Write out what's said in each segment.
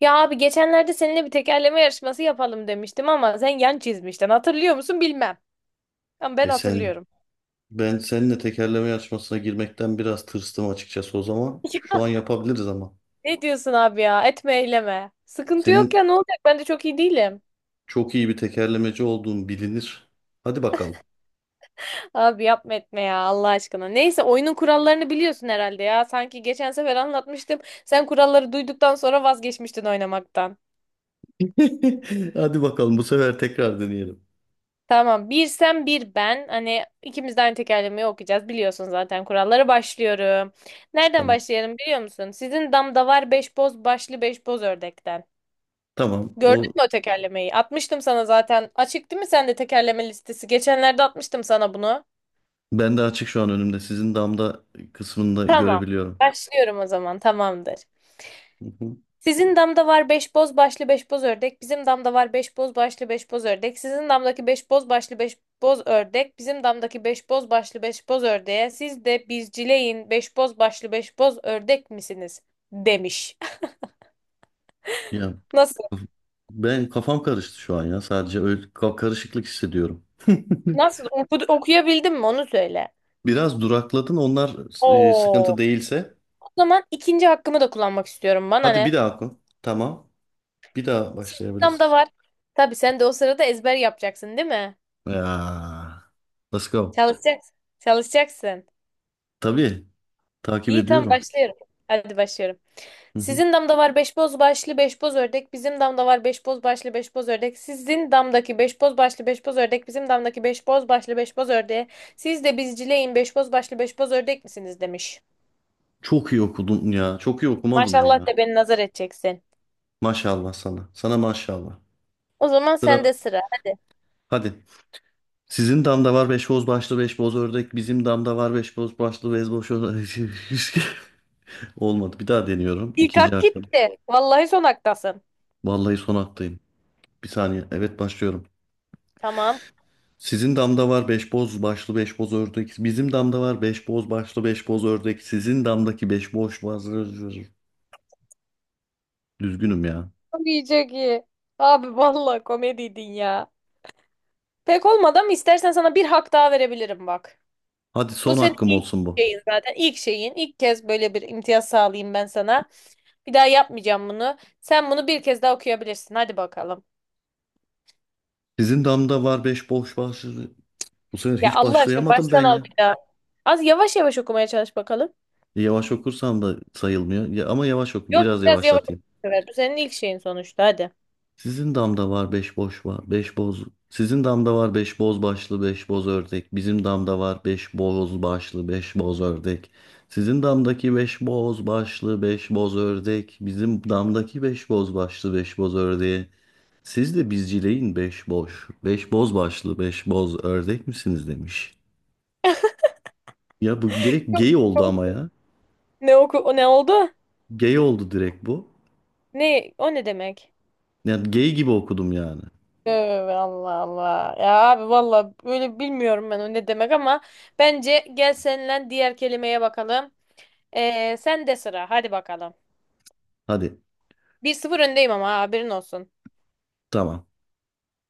Ya abi geçenlerde seninle bir tekerleme yarışması yapalım demiştim ama sen yan çizmiştin. Hatırlıyor musun bilmem. Ama ben E sen, hatırlıyorum. ben seninle tekerleme yarışmasına girmekten biraz tırstım açıkçası o zaman. Şu an yapabiliriz ama. Ne diyorsun abi ya? Etme eyleme. Sıkıntı yok Senin ya ne olacak? Ben de çok iyi değilim. çok iyi bir tekerlemeci olduğun bilinir. Hadi bakalım. Abi yapma etme ya Allah aşkına. Neyse oyunun kurallarını biliyorsun herhalde ya. Sanki geçen sefer anlatmıştım. Sen kuralları duyduktan sonra vazgeçmiştin oynamaktan. Hadi bakalım bu sefer tekrar deneyelim. Tamam. Bir sen bir ben. Hani ikimiz de aynı tekerlemeyi okuyacağız. Biliyorsun zaten kuralları. Başlıyorum. Nereden Tamam. başlayalım biliyor musun? Sizin damda var beş boz başlı beş boz ördekten. Tamam. Gördün mü o tekerlemeyi? Atmıştım sana zaten. Açık değil mi sende tekerleme listesi? Geçenlerde atmıştım sana bunu. Ben de açık şu an önümde. Sizin damda kısmında Tamam. görebiliyorum. Başlıyorum o zaman. Tamamdır. Hı hı. Sizin damda var beş boz başlı beş boz ördek. Bizim damda var beş boz başlı beş boz ördek. Sizin damdaki beş boz başlı beş boz ördek. Bizim damdaki beş boz başlı beş boz ördeğe. Siz de bizcileyin beş boz başlı beş boz ördek misiniz? Demiş. Ya Nasıl? ben kafam karıştı şu an ya. Sadece öyle karışıklık hissediyorum. Nasıl? Okuyabildim mi? Onu söyle. Biraz durakladın. Onlar Oo. sıkıntı değilse. O zaman ikinci hakkımı da kullanmak istiyorum. Bana Hadi bir ne? daha oku. Tamam. Bir daha Sizin başlayabilirsin. damda var. Tabii sen de o sırada ezber yapacaksın, değil mi? Ya, let's go. Çalışacaksın. Çalışacaksın. Tabii takip İyi tamam ediyorum. başlıyorum. Hadi başlıyorum. Hı hı. Sizin damda var beş boz başlı beş boz ördek. Bizim damda var beş boz başlı beş boz ördek. Sizin damdaki beş boz başlı beş boz ördek. Bizim damdaki beş boz başlı beş boz ördeğe. Siz de bizcileyin beş boz başlı beş boz ördek misiniz demiş. Çok iyi okudun ya. Çok iyi okumadın mı Maşallah ya? de beni nazar edeceksin. Maşallah sana. Sana maşallah. O zaman Sıra sende sıra. Hadi. hadi. Sizin damda var beş boz başlı beş boz ördek. Bizim damda var beş boz başlı beş boz ördek. Olmadı. Bir daha deniyorum. İlk İkinci hak hakkım. gitti. Vallahi son haktasın. Vallahi son hakkıyım. Bir saniye. Evet başlıyorum. Tamam. Sizin damda var beş boz başlı beş boz ördek. Bizim damda var beş boz başlı beş boz ördek. Sizin damdaki beş boz başlı. Düzgünüm ya. Çok iyi çok iyi. Abi vallahi komediydin ya. Pek olmadı ama istersen sana bir hak daha verebilirim bak. Hadi Bu son senin hakkım ilk olsun bu. şeyin zaten. İlk şeyin. İlk kez böyle bir imtiyaz sağlayayım ben sana. Bir daha yapmayacağım bunu. Sen bunu bir kez daha okuyabilirsin. Hadi bakalım. Sizin damda var beş boş başlı. Bu sefer Ya hiç Allah aşkına başlayamadım ben baştan al ya. bir daha. Az yavaş yavaş okumaya çalış bakalım. Yavaş okursam da sayılmıyor. Ya, ama yavaş oku. Yok Biraz biraz yavaş oku yavaşlatayım. bu sefer. Bu senin ilk şeyin sonuçta. Hadi. Sizin damda var beş boş var. Beş boz. Sizin damda var beş boz başlı beş boz ördek. Bizim damda var beş boz başlı beş boz ördek. Sizin damdaki beş boz başlı beş boz ördek. Bizim damdaki beş boz başlı beş boz ördeği. Siz de bizcileyin beş boş. Beş boz başlı, beş boz ördek misiniz demiş. Ya bu direkt gay oldu ama ya. Ne oku o ne oldu? Gay oldu direkt bu. Ne o ne demek? Yani gay gibi okudum yani. Evet, Allah Allah. Ya abi valla böyle bilmiyorum ben o ne demek ama bence gel seninle diğer kelimeye bakalım. Sen de sıra hadi bakalım. Hadi 1-0 öndeyim ama haberin olsun. tamam.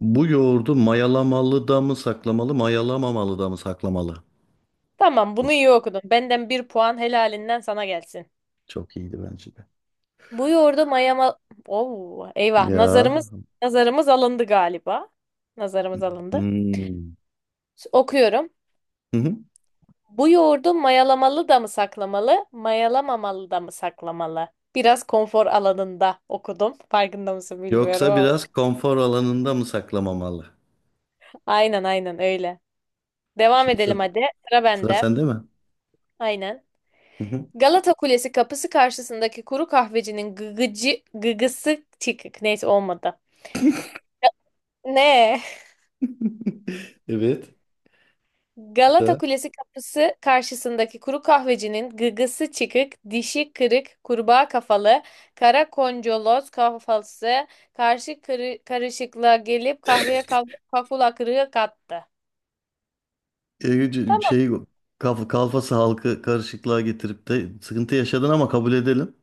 Bu yoğurdu mayalamalı da mı saklamalı, mayalamamalı da mı saklamalı? Tamam bunu Çok, iyi okudun. Benden bir puan helalinden sana gelsin. çok iyiydi bence de. Bu yoğurdu mayama... Oo, eyvah Ya. nazarımız nazarımız alındı galiba. Nazarımız alındı. Hmm. Okuyorum. Hı hı. Bu yoğurdu mayalamalı da mı saklamalı, mayalamamalı da mı saklamalı? Biraz konfor alanında okudum. Farkında mısın bilmiyorum Yoksa ama. biraz konfor alanında mı saklamamalı? Aynen aynen öyle. Devam Şimdi edelim sıra, hadi. Sıra sıra bende. sende mi? Aynen. Hı hı. Galata Kulesi kapısı karşısındaki kuru kahvecinin gıgıcı, gıgısı çıkık. Neyse olmadı. Ne? Evet. Bir Galata daha. Kulesi kapısı karşısındaki kuru kahvecinin gıgısı çıkık, dişi kırık, kurbağa kafalı, kara koncoloz kafası karşı karışıklığa gelip kahveye kafula kırığı kattı. E, Tamam, şey kalfası halkı karışıklığa getirip de sıkıntı yaşadın ama kabul edelim.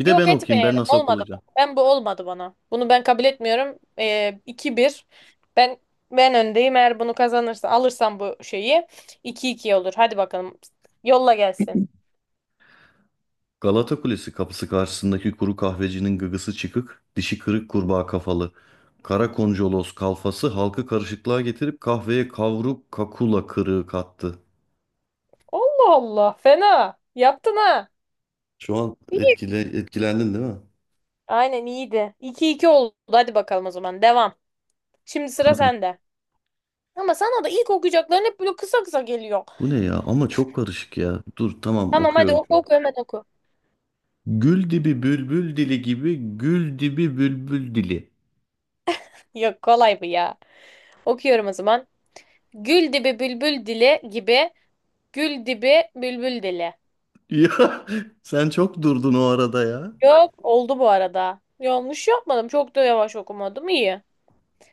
Bir de ben yok okuyayım. Ben etmeyelim. nasıl Olmadı bu. okulacağım? Ben bu olmadı bana. Bunu ben kabul etmiyorum. 2-1. Ben ben öndeyim. Eğer bunu kazanırsa alırsam bu şeyi 2-2 olur. Hadi bakalım. Yolla gelsin. Galata Kulesi kapısı karşısındaki kuru kahvecinin gıgısı çıkık, dişi kırık kurbağa kafalı. Kara koncolos kalfası halkı karışıklığa getirip kahveye kavruk kakula kırığı kattı. Allah Allah. Fena. Yaptın ha. Şu an etkilendin değil mi? Aynen iyiydi. 2 iki oldu. Hadi bakalım o zaman. Devam. Şimdi sıra Hadi bak. sende. Ama sana da ilk okuyacakların hep böyle kısa kısa geliyor. Bu ne ya? Ama çok karışık ya. Dur tamam Tamam hadi okuyorum şu oku an. oku hemen oku. Gül dibi bülbül dili gibi gül dibi bülbül dili. Yok kolay bu ya. Okuyorum o zaman. Gül dibi bülbül dili gibi. Gül dibi bülbül dili. Ya sen çok durdun o arada ya. Yok oldu bu arada. Yanlış yapmadım. Çok da yavaş okumadım. İyi.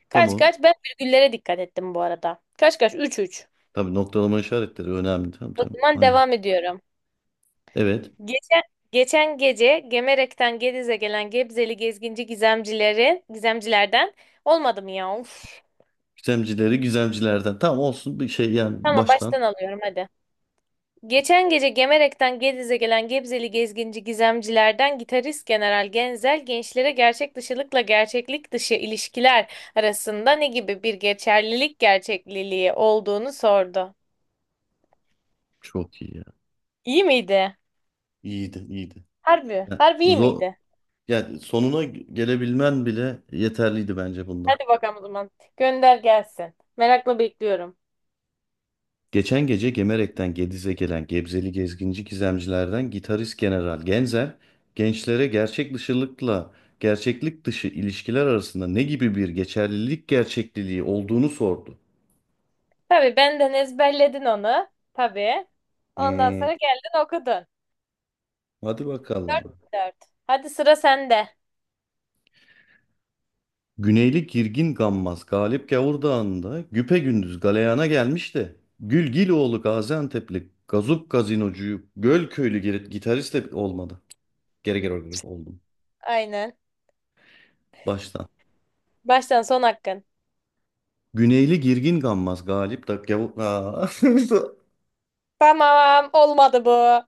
Kaç Tamam. kaç. Ben virgüllere dikkat ettim bu arada. Kaç kaç. 3-3. Tabii noktalama işaretleri önemli. Tamam O tamam. zaman Aynen. devam ediyorum. Evet. Geçen, geçen gece Gemerek'ten Gediz'e gelen Gebzeli gezginci gizemcilerden olmadı mı ya? Of. Gizemcileri gizemcilerden. Tamam olsun bir şey yani Tamam baştan. baştan alıyorum hadi. Geçen gece Gemerek'ten Gediz'e gelen Gebzeli gezginci gizemcilerden gitarist General Genzel gençlere gerçek dışılıkla gerçeklik dışı ilişkiler arasında ne gibi bir geçerlilik gerçekliliği olduğunu sordu. Çok iyi ya. İyi miydi? İyiydi iyiydi. Harbi, Yani, harbi iyi zor, miydi? yani sonuna gelebilmen bile yeterliydi bence bunda. Hadi bakalım o zaman. Gönder gelsin. Merakla bekliyorum. Geçen gece Gemerek'ten Gediz'e gelen Gebzeli gezginci gizemcilerden gitarist General Genzer, gençlere gerçek dışılıkla gerçeklik dışı ilişkiler arasında ne gibi bir geçerlilik gerçekliliği olduğunu sordu. Tabii benden ezberledin onu. Tabii. Ondan Hmm, sonra geldin okudun. hadi bakalım. 4-4. Hadi sıra sende. Güneyli Girgin Gammaz Galip Gavur Dağı'nda güpegündüz galeyana gelmişti. De Gülgiloğlu Gaziantep'li Gazup Gazinocu'yu Gölköylü gitarist de olmadı. Geri geri oldum. Aynen. Baştan. Baştan son hakkın. Güneyli Girgin Gammaz Galip da Gavu- Aa. Tamam olmadı bu.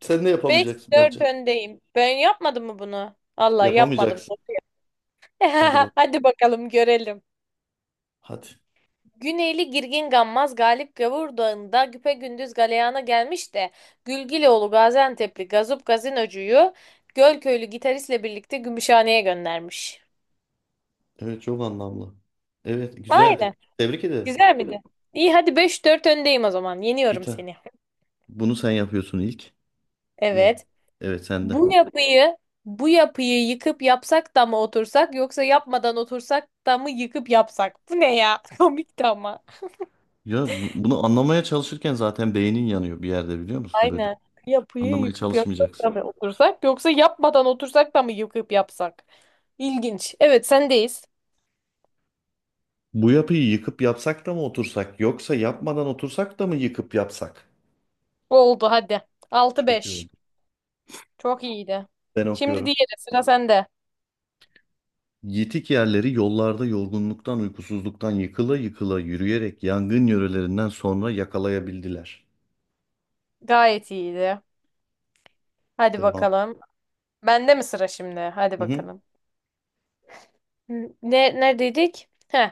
Sen de Beş yapamayacaksın dört bence. öndeyim. Ben yapmadım mı bunu? Allah yapmadım. Yapamayacaksın. Hadi bak. Hadi bakalım görelim. Hadi. Güneyli Girgin Gammaz Galip Gavur Dağı'nda güpegündüz galeyana gelmiş de Gülgiloğlu Gaziantep'li Gazup Gazinocu'yu Gölköylü gitaristle birlikte Gümüşhane'ye göndermiş. Evet çok anlamlı. Evet güzeldi. Aynen. Tebrik ederim. Güzel miydi? İyi hadi 5-4 öndeyim o zaman. Bir Yeniyorum tane. seni. Bunu sen yapıyorsun ilk mi? Evet. Evet sen de. Bu yapıyı bu yapıyı yıkıp yapsak da mı otursak yoksa yapmadan otursak da mı yıkıp yapsak? Bu ne ya? Komikti ama. Ya bunu anlamaya çalışırken zaten beynin yanıyor bir yerde biliyor musun böyle? Aynen. Yapıyı Anlamaya yıkıp yapsak çalışmayacaksın. da mı otursak yoksa yapmadan otursak da mı yıkıp yapsak? İlginç. Evet sendeyiz. Bu yapıyı yıkıp yapsak da mı otursak yoksa yapmadan otursak da mı yıkıp yapsak? Oldu hadi. Altı Çok iyi oldu. beş. Çok iyiydi. Ben Şimdi okuyorum. diğeri sıra sende. Yitik yerleri yollarda yorgunluktan, uykusuzluktan yıkıla yıkıla yürüyerek yangın yörelerinden sonra yakalayabildiler. Gayet iyiydi. Hadi Devam. bakalım. Bende mi sıra şimdi? Hadi Hı hı. bakalım. Ne, Neredeydik? Heh.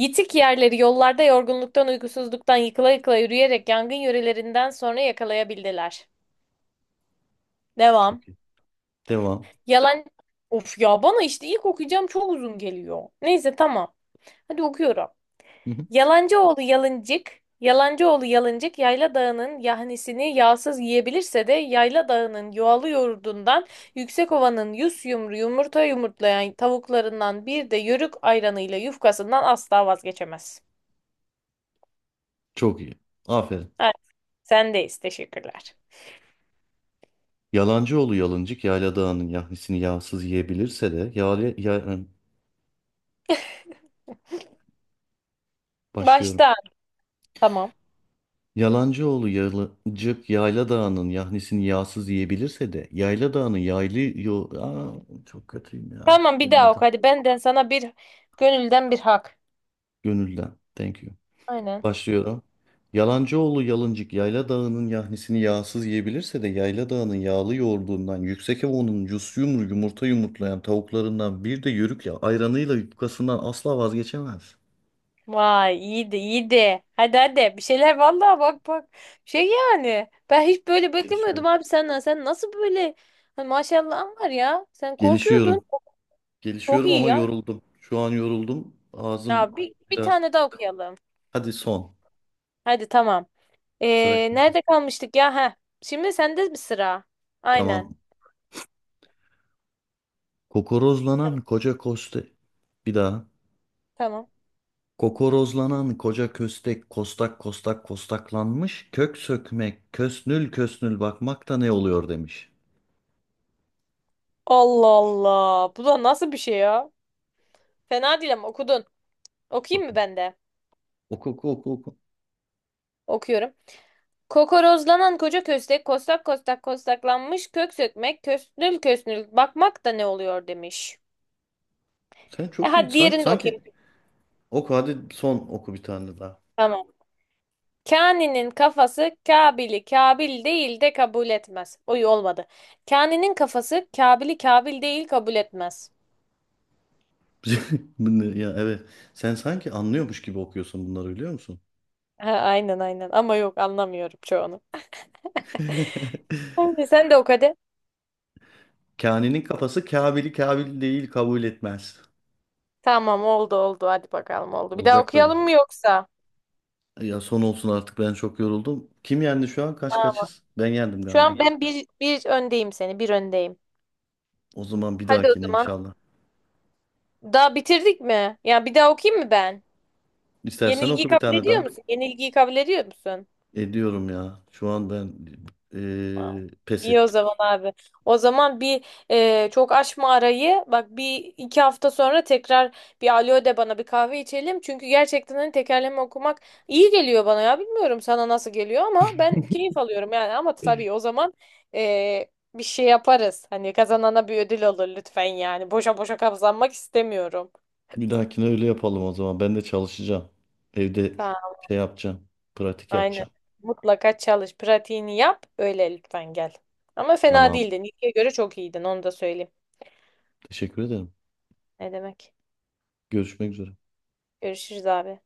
Yitik yerleri yollarda yorgunluktan, uykusuzluktan yıkıla yıkıla yürüyerek yangın yörelerinden sonra yakalayabildiler. Devam. Çok iyi. Devam. Yalan... Of ya bana işte ilk okuyacağım çok uzun geliyor. Neyse tamam. Hadi okuyorum. Hı hı. Yalancıoğlu yalıncık, Yalancıoğlu yalıncık Yayla Dağı'nın yahnisini yağsız yiyebilirse de Yayla Dağı'nın yuvalı yoğurdundan Yüksekova'nın yüz yumru yumurta yumurtlayan tavuklarından bir de yörük ayranıyla yufkasından asla vazgeçemez. Çok iyi. Aferin. Sendeyiz. Teşekkürler. Yalancıoğlu yalıncık yayla dağının yahnisini yağsız yiyebilirse de başlıyorum. Baştan. Tamam. Yalancıoğlu yalıncık yayla dağının yahnisini yağsız yiyebilirse de yayla dağının yaylı Aa, çok kötüyüm ya. Tamam bir daha Olmadı. oku. Hadi benden sana bir gönülden bir hak. Gönülden. Thank you. Aynen. Başlıyorum. Yalancıoğlu Yalıncık Yayla Dağı'nın yahnisini yağsız yiyebilirse de Yayla Dağı'nın yağlı yoğurdundan, Yüksek Evo'nun yus yumru yumurta yumurtlayan tavuklarından bir de yörük ya ayranıyla yufkasından asla vazgeçemez. Vay iyiydi iyiydi. Hadi hadi bir şeyler vallahi bak bak. Şey yani ben hiç böyle beklemiyordum Gelişiyorum. abi senden. Sen nasıl böyle. Hani maşallahın var ya. Sen korkuyordun. Gelişiyorum. Çok Gelişiyorum iyi ama ya. yoruldum. Şu an yoruldum. Ya Ağzım bir biraz. tane daha okuyalım. Hadi son. Hadi tamam. Sıra Ee, kimde? nerede kalmıştık ya? Heh. Şimdi sende bir sıra. Aynen. Tamam. Kokorozlanan koca koste. Bir daha. Tamam. Kokorozlanan koca köstek kostak kostak kostaklanmış. Kök sökmek, kösnül kösnül bakmak da ne oluyor demiş. Allah Allah. Bu da nasıl bir şey ya? Fena değil ama okudun. Okuyayım mı ben de? Oku oku oku oku. Okuyorum. Kokorozlanan koca köstek kostak kostak kostaklanmış kök sökmek kösnül kösnül bakmak da ne oluyor demiş. Sen E çok iyi. hadi diğerini de Sanki okuyayım. oku hadi son oku bir tane daha. Tamam. Kani'nin kafası Kabil'i Kabil değil de kabul etmez. Oy olmadı. Kani'nin kafası Kabil'i Kabil değil kabul etmez. Bu ne ya evet. Sen sanki anlıyormuş gibi okuyorsun bunları biliyor musun? Ha, aynen aynen ama yok anlamıyorum çoğunu. Aynen sen de oku hadi. Kani'nin kafası Kabil'i Kabil değil kabul etmez. Tamam oldu oldu hadi bakalım oldu. Bir daha Olacak tabii. okuyalım mı yoksa? Ya son olsun artık ben çok yoruldum. Kim yendi şu an? Kaç kaçız? Ben yendim Şu an galiba. ben bir öndeyim seni. Bir öndeyim. O zaman bir Hadi o dahakine zaman. inşallah. Daha bitirdik mi? Ya bir daha okuyayım mı ben? İstersen Yenilgiyi oku bir kabul tane ediyor daha. musun? Yenilgiyi kabul ediyor musun? Ediyorum ya. Şu an ben Aa. Pes İyi o ettim. zaman abi. O zaman bir çok açma arayı. Bak bir iki hafta sonra tekrar bir alo de bana bir kahve içelim. Çünkü gerçekten hani tekerleme okumak iyi geliyor bana ya. Bilmiyorum sana nasıl geliyor ama ben keyif alıyorum yani. Ama tabii o zaman bir şey yaparız. Hani kazanana bir ödül olur lütfen yani. Boşa boşa kazanmak istemiyorum. Bir dahakine öyle yapalım o zaman. Ben de çalışacağım. Evde Ha, şey yapacağım. Pratik aynen. yapacağım. Mutlaka çalış. Pratiğini yap. Öyle lütfen gel. Ama fena Tamam. değildin. İlkiye göre çok iyiydin. Onu da söyleyeyim. Teşekkür ederim. Ne demek? Görüşmek üzere. Görüşürüz abi.